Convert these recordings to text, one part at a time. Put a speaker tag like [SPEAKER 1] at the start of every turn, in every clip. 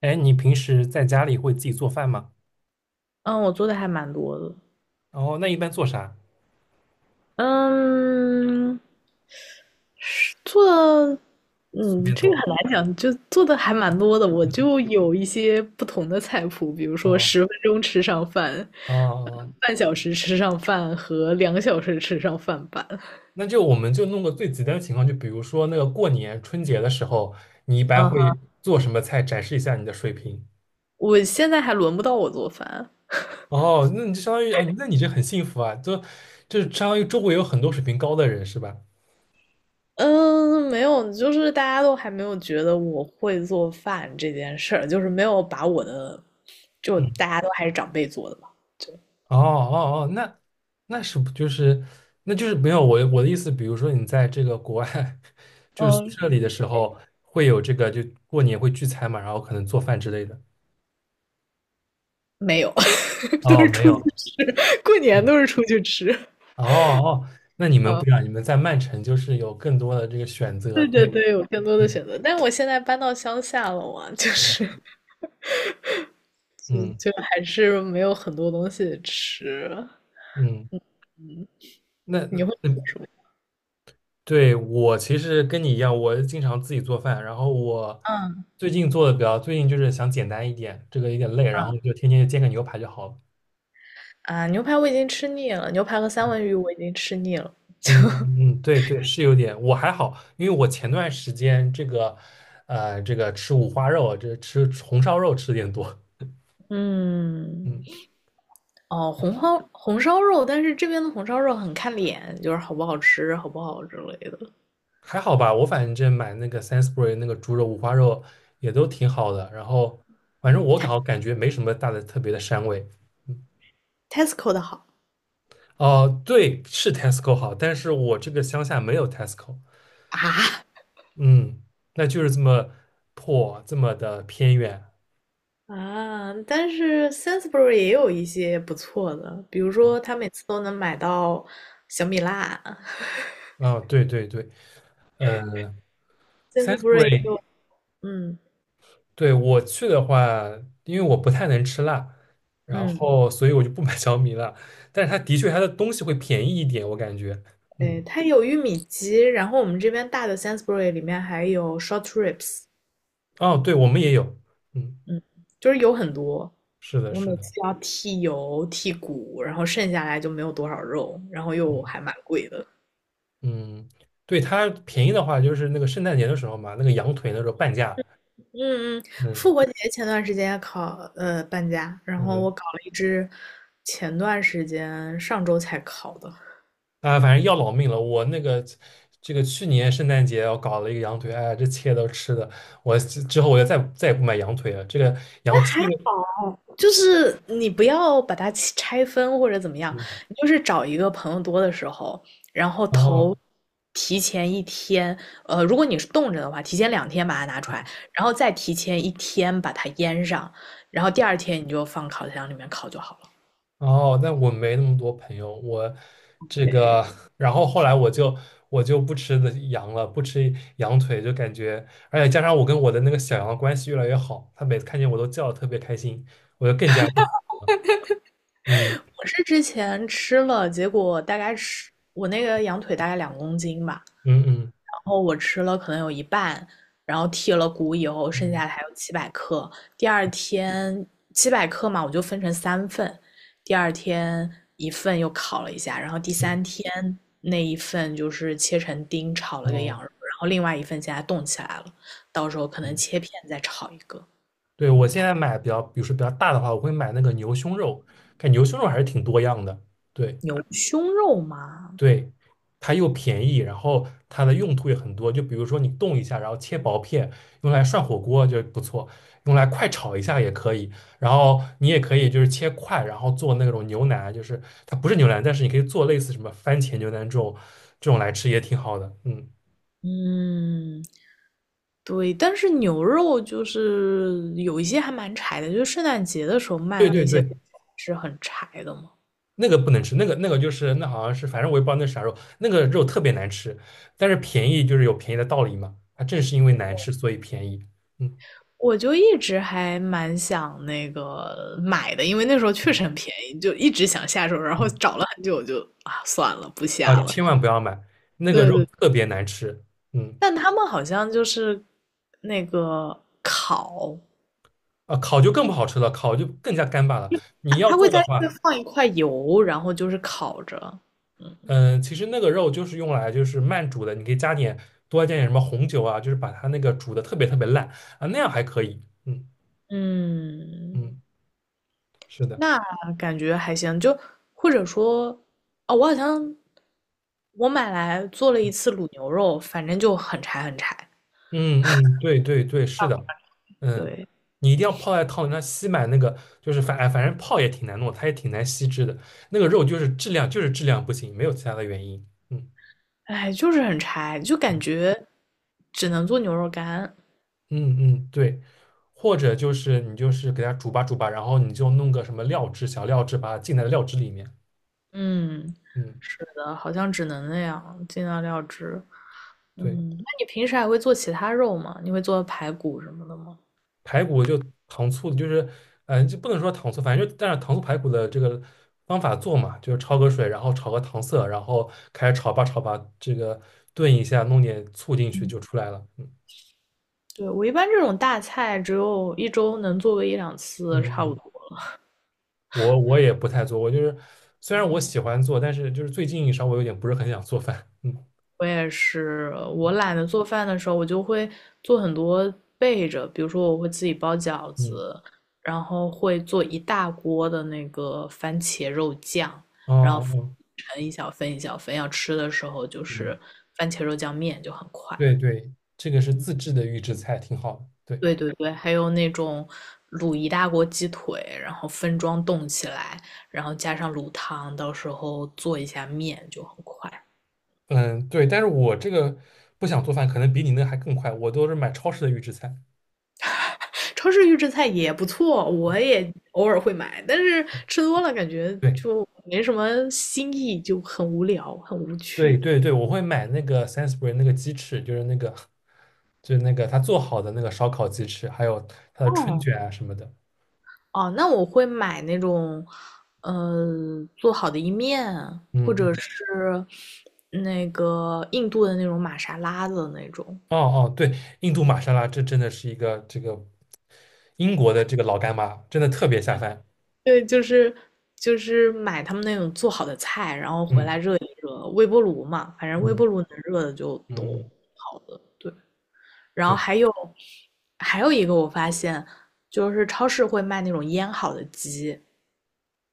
[SPEAKER 1] 哎，你平时在家里会自己做饭吗？
[SPEAKER 2] 嗯，我做的还蛮多的，
[SPEAKER 1] 哦，那一般做啥？
[SPEAKER 2] 嗯，是做的
[SPEAKER 1] 随
[SPEAKER 2] 嗯，
[SPEAKER 1] 便
[SPEAKER 2] 这个
[SPEAKER 1] 做。
[SPEAKER 2] 很难讲，就做的还蛮多的。我
[SPEAKER 1] 嗯，
[SPEAKER 2] 就有一些不同的菜谱，比如说十
[SPEAKER 1] 哦
[SPEAKER 2] 分钟吃上饭，
[SPEAKER 1] 哦
[SPEAKER 2] 呃
[SPEAKER 1] 哦，
[SPEAKER 2] 半小时吃上饭和2小时吃上饭版。
[SPEAKER 1] 那就我们就弄个最极端的情况，就比如说那个过年春节的时候，你一般
[SPEAKER 2] 啊，
[SPEAKER 1] 会做什么菜，展示一下你的水平。
[SPEAKER 2] 我现在还轮不到我做饭。
[SPEAKER 1] 哦，那你就相当于啊，那你这很幸福啊，就是相当于周围有很多水平高的人是吧？
[SPEAKER 2] 嗯，没有，就是大家都还没有觉得我会做饭这件事儿，就是没有把我的，就大
[SPEAKER 1] 嗯
[SPEAKER 2] 家都还是长辈做的吧。
[SPEAKER 1] 哦哦哦，那是不就是那就是没有我的意思，比如说你在这个国外，就是宿
[SPEAKER 2] 嗯，
[SPEAKER 1] 舍里的时候，会有这个就过年会聚餐嘛，然后可能做饭之类的。
[SPEAKER 2] 没有 都
[SPEAKER 1] 哦，
[SPEAKER 2] 是
[SPEAKER 1] 没
[SPEAKER 2] 出去
[SPEAKER 1] 有，
[SPEAKER 2] 吃，过年
[SPEAKER 1] 嗯
[SPEAKER 2] 都是出去吃。
[SPEAKER 1] 哦哦，那你们不一样，你们在曼城就是有更多的这个选择，
[SPEAKER 2] 对对
[SPEAKER 1] 对，
[SPEAKER 2] 对，有更多的
[SPEAKER 1] 嗯
[SPEAKER 2] 选择，但我现在搬到乡下了嘛，就
[SPEAKER 1] 嗯
[SPEAKER 2] 是就
[SPEAKER 1] 嗯，
[SPEAKER 2] 就还是没有很多东西吃。
[SPEAKER 1] 嗯那
[SPEAKER 2] 你
[SPEAKER 1] 那
[SPEAKER 2] 会吃
[SPEAKER 1] 那
[SPEAKER 2] 什么？
[SPEAKER 1] 对我其实跟你一样，我经常自己做饭，然后我
[SPEAKER 2] 嗯
[SPEAKER 1] 最近做的比较，最近就是想简单一点，这个有点累，然
[SPEAKER 2] 嗯
[SPEAKER 1] 后就天天就煎个牛排就好了。
[SPEAKER 2] 啊，牛排我已经吃腻了，牛排和三文
[SPEAKER 1] 嗯
[SPEAKER 2] 鱼我已经吃腻了。
[SPEAKER 1] 嗯嗯，对对，是有点，我还好，因为我前段时间这个吃五花肉，这吃红烧肉吃的有点多，
[SPEAKER 2] 嗯，
[SPEAKER 1] 嗯，
[SPEAKER 2] 哦，红烧肉，但是这边的红烧肉很看脸，就是好不好吃，好不好之类的。
[SPEAKER 1] 还好吧，我反正买那个 s a n s b u r y 那个猪肉五花肉也都挺好的，然后反正我感觉没什么大的特别的膻味。
[SPEAKER 2] Tesco 的好
[SPEAKER 1] 哦、对，是 Tesco 好，但是我这个乡下没有 Tesco，
[SPEAKER 2] 啊，
[SPEAKER 1] 嗯，那就是这么破，这么的偏远，
[SPEAKER 2] 啊，但是 s a n s b u r y 也有一些不错的，比如
[SPEAKER 1] 嗯，
[SPEAKER 2] 说他每次都能买到小米辣
[SPEAKER 1] 啊、对对对，嗯、s a n s b u r
[SPEAKER 2] ，Sainsbury
[SPEAKER 1] y
[SPEAKER 2] 有，嗯
[SPEAKER 1] 对，我去的话，因为我不太能吃辣，然
[SPEAKER 2] 嗯，
[SPEAKER 1] 后所以我就不买 小米辣。但是它的确，它的东西会便宜一点，我感觉。
[SPEAKER 2] 对，
[SPEAKER 1] 嗯，
[SPEAKER 2] 它有玉米鸡，然后我们这边大的 s a n s b u r y 里面还有 short ribs，
[SPEAKER 1] 哦，对，我们也有。嗯，
[SPEAKER 2] 嗯，就是有很多，
[SPEAKER 1] 是的，
[SPEAKER 2] 我
[SPEAKER 1] 是
[SPEAKER 2] 每次
[SPEAKER 1] 的。
[SPEAKER 2] 要剔油剔骨，然后剩下来就没有多少肉，然后又
[SPEAKER 1] 嗯
[SPEAKER 2] 还蛮贵的。
[SPEAKER 1] 嗯，对，它便宜的话，就是那个圣诞节的时候嘛，那个羊腿那时候半价。
[SPEAKER 2] 嗯嗯，
[SPEAKER 1] 嗯
[SPEAKER 2] 复活节前段时间考搬家，然后我
[SPEAKER 1] 嗯，
[SPEAKER 2] 搞了一只，前段时间上周才考的。
[SPEAKER 1] 啊，反正要老命了。我那个这个去年圣诞节我搞了一个羊腿，哎呀这切都吃的，我之后我就再也不买羊腿了。这个羊切个，
[SPEAKER 2] 就是你不要把它切拆分或者怎么样，
[SPEAKER 1] 嗯，
[SPEAKER 2] 你就是找一个朋友多的时候，然后
[SPEAKER 1] 哦。
[SPEAKER 2] 头提前一天，如果你是冻着的话，提前2天把它拿出来，然后再提前一天把它腌上，然后第二天你就放烤箱里面烤就好了。
[SPEAKER 1] 哦，那我没那么多朋友，我这
[SPEAKER 2] 对，
[SPEAKER 1] 个，然后后来我就不吃的羊了，不吃羊腿，就感觉，而且加上我跟我的那个小羊的关系越来越好，它每次看见我都叫的特别开心，我就更加不吃了。嗯
[SPEAKER 2] 我是之前吃了，结果大概吃我那个羊腿大概2公斤吧，
[SPEAKER 1] 嗯嗯
[SPEAKER 2] 然后我吃了可能有一半，然后剔了骨以后，剩
[SPEAKER 1] 嗯
[SPEAKER 2] 下的还有七百克。第二天七百克嘛，我就分成3份，第二天一份又烤了一下，然后第
[SPEAKER 1] 嗯，
[SPEAKER 2] 三天那一份就是切成丁炒了个羊
[SPEAKER 1] 哦，
[SPEAKER 2] 肉，然后另外一份现在冻起来了，到时候可能
[SPEAKER 1] 嗯，
[SPEAKER 2] 切片再炒一个。
[SPEAKER 1] 对，我现在买比较，比如说比较大的话，我会买那个牛胸肉，看牛胸肉还是挺多样的。对。
[SPEAKER 2] 牛胸肉嘛，
[SPEAKER 1] 对，它又便宜，然后它的用途也很多。就比如说你冻一下，然后切薄片，用来涮火锅就不错，用来快炒一下也可以。然后你也可以就是切块，然后做那种牛腩，就是它不是牛腩，但是你可以做类似什么番茄牛腩这种来吃也挺好的。嗯，
[SPEAKER 2] 嗯，对，但是牛肉就是有一些还蛮柴的，就是圣诞节的时候卖
[SPEAKER 1] 对
[SPEAKER 2] 的
[SPEAKER 1] 对
[SPEAKER 2] 那些
[SPEAKER 1] 对，
[SPEAKER 2] 是很柴的嘛。
[SPEAKER 1] 那个不能吃，那个就是那好像是，反正我也不知道那是啥肉，那个肉特别难吃，但是便宜就是有便宜的道理嘛。它正是因为难吃，所以便宜。嗯
[SPEAKER 2] 我就一直还蛮想那个买的，因为那时候确实很便宜，就一直想下手，然后
[SPEAKER 1] 嗯。
[SPEAKER 2] 找了很久就，啊算了，不
[SPEAKER 1] 啊，
[SPEAKER 2] 下了。
[SPEAKER 1] 千万不要买，那个
[SPEAKER 2] 对
[SPEAKER 1] 肉
[SPEAKER 2] 对，
[SPEAKER 1] 特别难吃。嗯，
[SPEAKER 2] 但他们好像就是那个烤，
[SPEAKER 1] 啊，烤就更不好吃了，烤就更加干巴了。你
[SPEAKER 2] 他
[SPEAKER 1] 要
[SPEAKER 2] 他会
[SPEAKER 1] 做的
[SPEAKER 2] 在这
[SPEAKER 1] 话，
[SPEAKER 2] 放一块油，然后就是烤着。嗯
[SPEAKER 1] 嗯、其实那个肉就是用来就是慢煮的，你可以多加点什么红酒啊，就是把它那个煮的特别特别烂啊，那样还可以。嗯
[SPEAKER 2] 嗯，
[SPEAKER 1] 嗯，是的，
[SPEAKER 2] 那感觉还行，就或者说，哦，我好像我买来做了一次卤牛肉，反正就很柴很柴。
[SPEAKER 1] 嗯嗯，对对对，是的，嗯，
[SPEAKER 2] 对，
[SPEAKER 1] 你一定要泡在汤里，那吸满那个就是反正泡也挺难弄，它也挺难吸汁的，那个肉就是质量就是质量不行，没有其他的原因。嗯。
[SPEAKER 2] 哎，就是很柴，就感觉只能做牛肉干。
[SPEAKER 1] 嗯嗯，对，或者就是你就是给它煮吧煮吧，然后你就弄个什么料汁，小料汁把它浸在料汁里面。
[SPEAKER 2] 嗯，
[SPEAKER 1] 嗯，
[SPEAKER 2] 是的，好像只能那样，尽量料汁。
[SPEAKER 1] 对，
[SPEAKER 2] 那你平时还会做其他肉吗？你会做排骨什么的吗？
[SPEAKER 1] 排骨就糖醋，就是，嗯、就不能说糖醋，反正就但是糖醋排骨的这个方法做嘛，就是焯个水，然后炒个糖色，然后开始炒吧炒吧，这个炖一下，弄点醋进去就出来了。嗯
[SPEAKER 2] 对，我一般这种大菜只有一周能做个一两
[SPEAKER 1] 嗯
[SPEAKER 2] 次，差不
[SPEAKER 1] 嗯，
[SPEAKER 2] 多。
[SPEAKER 1] 我也不太做，我就是虽然我喜欢做，但是就是最近稍微有点不是很想做饭。嗯
[SPEAKER 2] 我也是，我懒得做饭的时候，我就会做很多备着，比如说我会自己包饺
[SPEAKER 1] 嗯
[SPEAKER 2] 子，然后会做一大锅的那个番茄肉酱，
[SPEAKER 1] 哦哦。哦
[SPEAKER 2] 盛一小份一小份，要吃的时候就是
[SPEAKER 1] 嗯
[SPEAKER 2] 番茄肉酱面就很快。
[SPEAKER 1] 对对，这个是自制的预制菜，挺好的。对，
[SPEAKER 2] 对对对，还有那种卤一大锅鸡腿，然后分装冻起来，然后加上卤汤，到时候做一下面就很快。
[SPEAKER 1] 嗯，对，但是我这个不想做饭，可能比你那还更快。我都是买超市的预制菜。
[SPEAKER 2] 超市预制菜也不错，我也偶尔会买，但是吃多了感觉
[SPEAKER 1] 对
[SPEAKER 2] 就没什么新意，就很无聊，很无
[SPEAKER 1] 对
[SPEAKER 2] 趣。
[SPEAKER 1] 对对，我会买那个 Sainsbury 那个鸡翅，就是那个他做好的那个烧烤鸡翅，还有他的春
[SPEAKER 2] 哦
[SPEAKER 1] 卷啊什么的。
[SPEAKER 2] 哦，那我会买那种，做好的意面，或
[SPEAKER 1] 嗯
[SPEAKER 2] 者
[SPEAKER 1] 嗯，
[SPEAKER 2] 是那个印度的那种玛莎拉的那种。
[SPEAKER 1] 哦哦，对，印度玛莎拉，这真的是一个这个英国的这个老干妈，真的特别下饭。
[SPEAKER 2] 对，就是买他们那种做好的菜，然后回来
[SPEAKER 1] 嗯
[SPEAKER 2] 热一热，微波炉嘛，反正微
[SPEAKER 1] 嗯
[SPEAKER 2] 波炉能热的就都
[SPEAKER 1] 嗯，
[SPEAKER 2] 好的。对，然后
[SPEAKER 1] 对
[SPEAKER 2] 还有一个我发现，就是超市会卖那种腌好的鸡，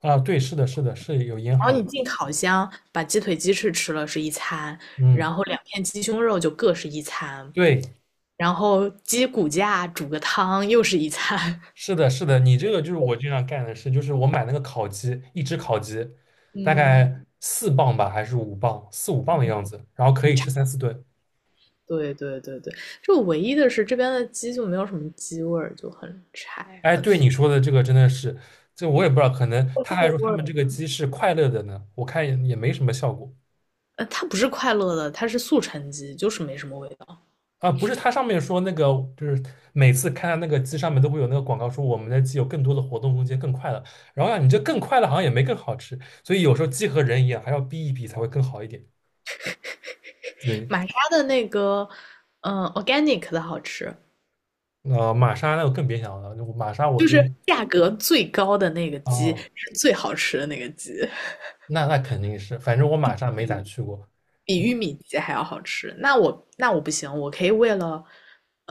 [SPEAKER 1] 啊，对，是的，是的，是有腌
[SPEAKER 2] 然后
[SPEAKER 1] 好
[SPEAKER 2] 你
[SPEAKER 1] 的。
[SPEAKER 2] 进烤箱把鸡腿、鸡翅吃了是一餐，
[SPEAKER 1] 嗯，
[SPEAKER 2] 然后2片鸡胸肉就各是一餐，
[SPEAKER 1] 对。
[SPEAKER 2] 然后鸡骨架煮个汤又是一餐。
[SPEAKER 1] 是的，是的，你这个就是我经常干的事，就是我买那个烤鸡，一只烤鸡，大
[SPEAKER 2] 嗯，
[SPEAKER 1] 概4磅吧，还是五磅，四五磅的样子，然后可
[SPEAKER 2] 很
[SPEAKER 1] 以
[SPEAKER 2] 柴。
[SPEAKER 1] 吃三四顿。
[SPEAKER 2] 对对对对，就唯一的是这边的鸡就没有什么鸡味儿，就很柴，
[SPEAKER 1] 哎，
[SPEAKER 2] 很
[SPEAKER 1] 对
[SPEAKER 2] 素
[SPEAKER 1] 你说的这个真的是，这我也不知道，可能他还
[SPEAKER 2] 肉
[SPEAKER 1] 说
[SPEAKER 2] 味
[SPEAKER 1] 他
[SPEAKER 2] 儿。
[SPEAKER 1] 们这个鸡是快乐的呢，我看也没什么效果
[SPEAKER 2] 它不是快乐的，它是速成鸡，就是没什么味道。
[SPEAKER 1] 啊。不是，它上面说那个就是每次看到那个鸡上面都会有那个广告说我们的鸡有更多的活动空间，更快乐。然后啊，你这更快乐好像也没更好吃，所以有时候鸡和人一样，还要逼一逼才会更好一点。对。
[SPEAKER 2] 玛莎的那个，Organic 的好吃，
[SPEAKER 1] 玛莎那我更别想了，我玛莎我
[SPEAKER 2] 就
[SPEAKER 1] 这
[SPEAKER 2] 是价格最高的那个鸡
[SPEAKER 1] 啊，
[SPEAKER 2] 是最好吃的那个鸡，
[SPEAKER 1] 那肯定是，反正我玛莎没咋去过，
[SPEAKER 2] 比玉米鸡还要好吃。那我不行，我可以为了，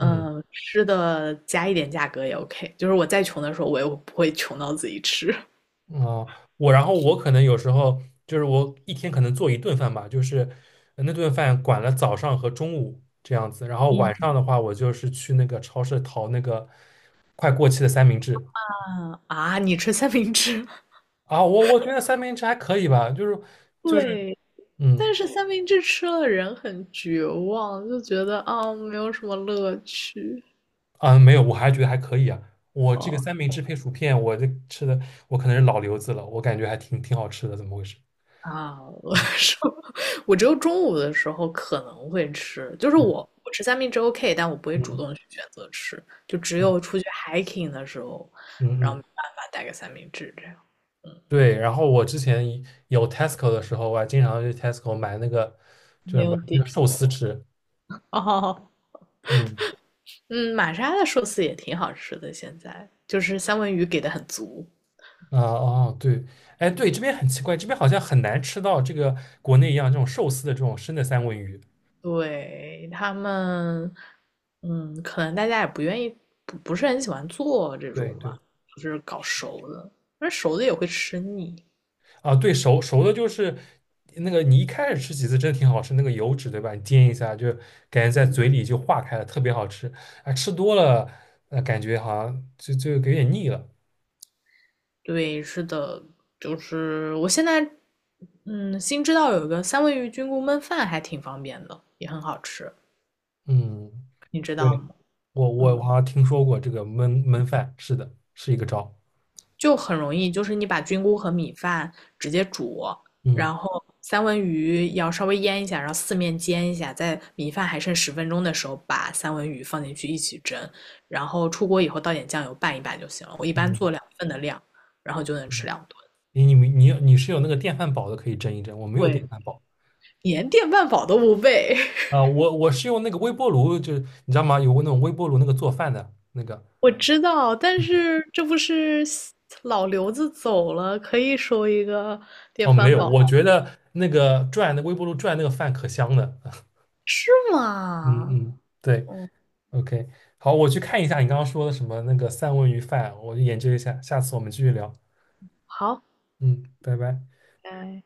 [SPEAKER 1] 嗯
[SPEAKER 2] 呃吃的加一点价格也 OK。就是我再穷的时候，我也不会穷到自己吃。
[SPEAKER 1] 嗯啊，然后我可能有时候就是我一天可能做一顿饭吧，就是那顿饭管了早上和中午这样子，然后
[SPEAKER 2] 嗯
[SPEAKER 1] 晚上的话我就是去那个超市淘那个快过期的三明治
[SPEAKER 2] 嗯啊，你吃三明治？
[SPEAKER 1] 啊，我觉得三明治还可以吧，就是
[SPEAKER 2] 对，
[SPEAKER 1] 嗯。
[SPEAKER 2] 但是三明治吃了人很绝望，就觉得啊、没有什么乐趣。
[SPEAKER 1] 啊，没有，我还觉得还可以啊。我这个
[SPEAKER 2] 哦，
[SPEAKER 1] 三明治配薯片，我这吃的我可能是老留子了，我感觉还挺好吃的，怎么回事？
[SPEAKER 2] 啊，我
[SPEAKER 1] 嗯
[SPEAKER 2] 说 我只有中午的时候可能会吃，就是
[SPEAKER 1] 嗯
[SPEAKER 2] 我吃三明治 OK，但我不会主动
[SPEAKER 1] 嗯
[SPEAKER 2] 去选择吃，就只
[SPEAKER 1] 嗯
[SPEAKER 2] 有出去 hiking 的时候，然后
[SPEAKER 1] 嗯嗯，
[SPEAKER 2] 没办法带个三明治这样。
[SPEAKER 1] 对。然后我之前一有 Tesco 的时候，我还经常去 Tesco 买那个叫
[SPEAKER 2] 没
[SPEAKER 1] 什
[SPEAKER 2] 有
[SPEAKER 1] 么那
[SPEAKER 2] 底
[SPEAKER 1] 个寿司吃。
[SPEAKER 2] 哦，
[SPEAKER 1] 嗯
[SPEAKER 2] 嗯，玛莎的寿司也挺好吃的，现在就是三文鱼给的很足。
[SPEAKER 1] 啊哦对，哎对，这边很奇怪，这边好像很难吃到这个国内一样这种寿司的这种生的三文鱼。
[SPEAKER 2] 对，他们，可能大家也不愿意，不是很喜欢做这
[SPEAKER 1] 对
[SPEAKER 2] 种
[SPEAKER 1] 对。
[SPEAKER 2] 吧，就是搞熟的，但是熟的也会吃腻。
[SPEAKER 1] 啊，对，熟熟的就是那个，你一开始吃几次真的挺好吃，那个油脂对吧？你煎一下就感觉在嘴里就化开了，特别好吃。啊，吃多了，感觉好像就有点腻了。
[SPEAKER 2] 对，是的，就是我现在，新知道有一个三文鱼菌菇焖饭还挺方便的，也很好吃，
[SPEAKER 1] 嗯，
[SPEAKER 2] 你知道
[SPEAKER 1] 对，
[SPEAKER 2] 吗？
[SPEAKER 1] 我我
[SPEAKER 2] 嗯，
[SPEAKER 1] 我好像听说过这个焖饭，是的，是一个招。
[SPEAKER 2] 就很容易，就是你把菌菇和米饭直接煮，
[SPEAKER 1] 嗯
[SPEAKER 2] 然后三文鱼要稍微腌一下，然后四面煎一下，在米饭还剩十分钟的时候，把三文鱼放进去一起蒸，然后出锅以后倒点酱油拌一拌就行了。我一般
[SPEAKER 1] 嗯
[SPEAKER 2] 做2份的量，然后就能吃
[SPEAKER 1] 嗯，
[SPEAKER 2] 2顿。
[SPEAKER 1] 你是有那个电饭煲的，可以蒸一蒸，我没有
[SPEAKER 2] 对，
[SPEAKER 1] 电饭煲。
[SPEAKER 2] 连电饭煲都不备。
[SPEAKER 1] 啊，我是用那个微波炉，就是你知道吗？有那种微波炉那个做饭的那个。
[SPEAKER 2] 我知道，但是这不是西老刘子走了，可以收一个电
[SPEAKER 1] 哦，没
[SPEAKER 2] 饭
[SPEAKER 1] 有，
[SPEAKER 2] 煲，
[SPEAKER 1] 我觉得那个转那个微波炉转那个饭可香了。
[SPEAKER 2] 是
[SPEAKER 1] 嗯
[SPEAKER 2] 吗？
[SPEAKER 1] 嗯，对
[SPEAKER 2] 哦，
[SPEAKER 1] ，OK，好，我去看一下你刚刚说的什么那个三文鱼饭，我去研究一下，下次我们继续聊。
[SPEAKER 2] 好，
[SPEAKER 1] 嗯，拜拜。
[SPEAKER 2] 拜。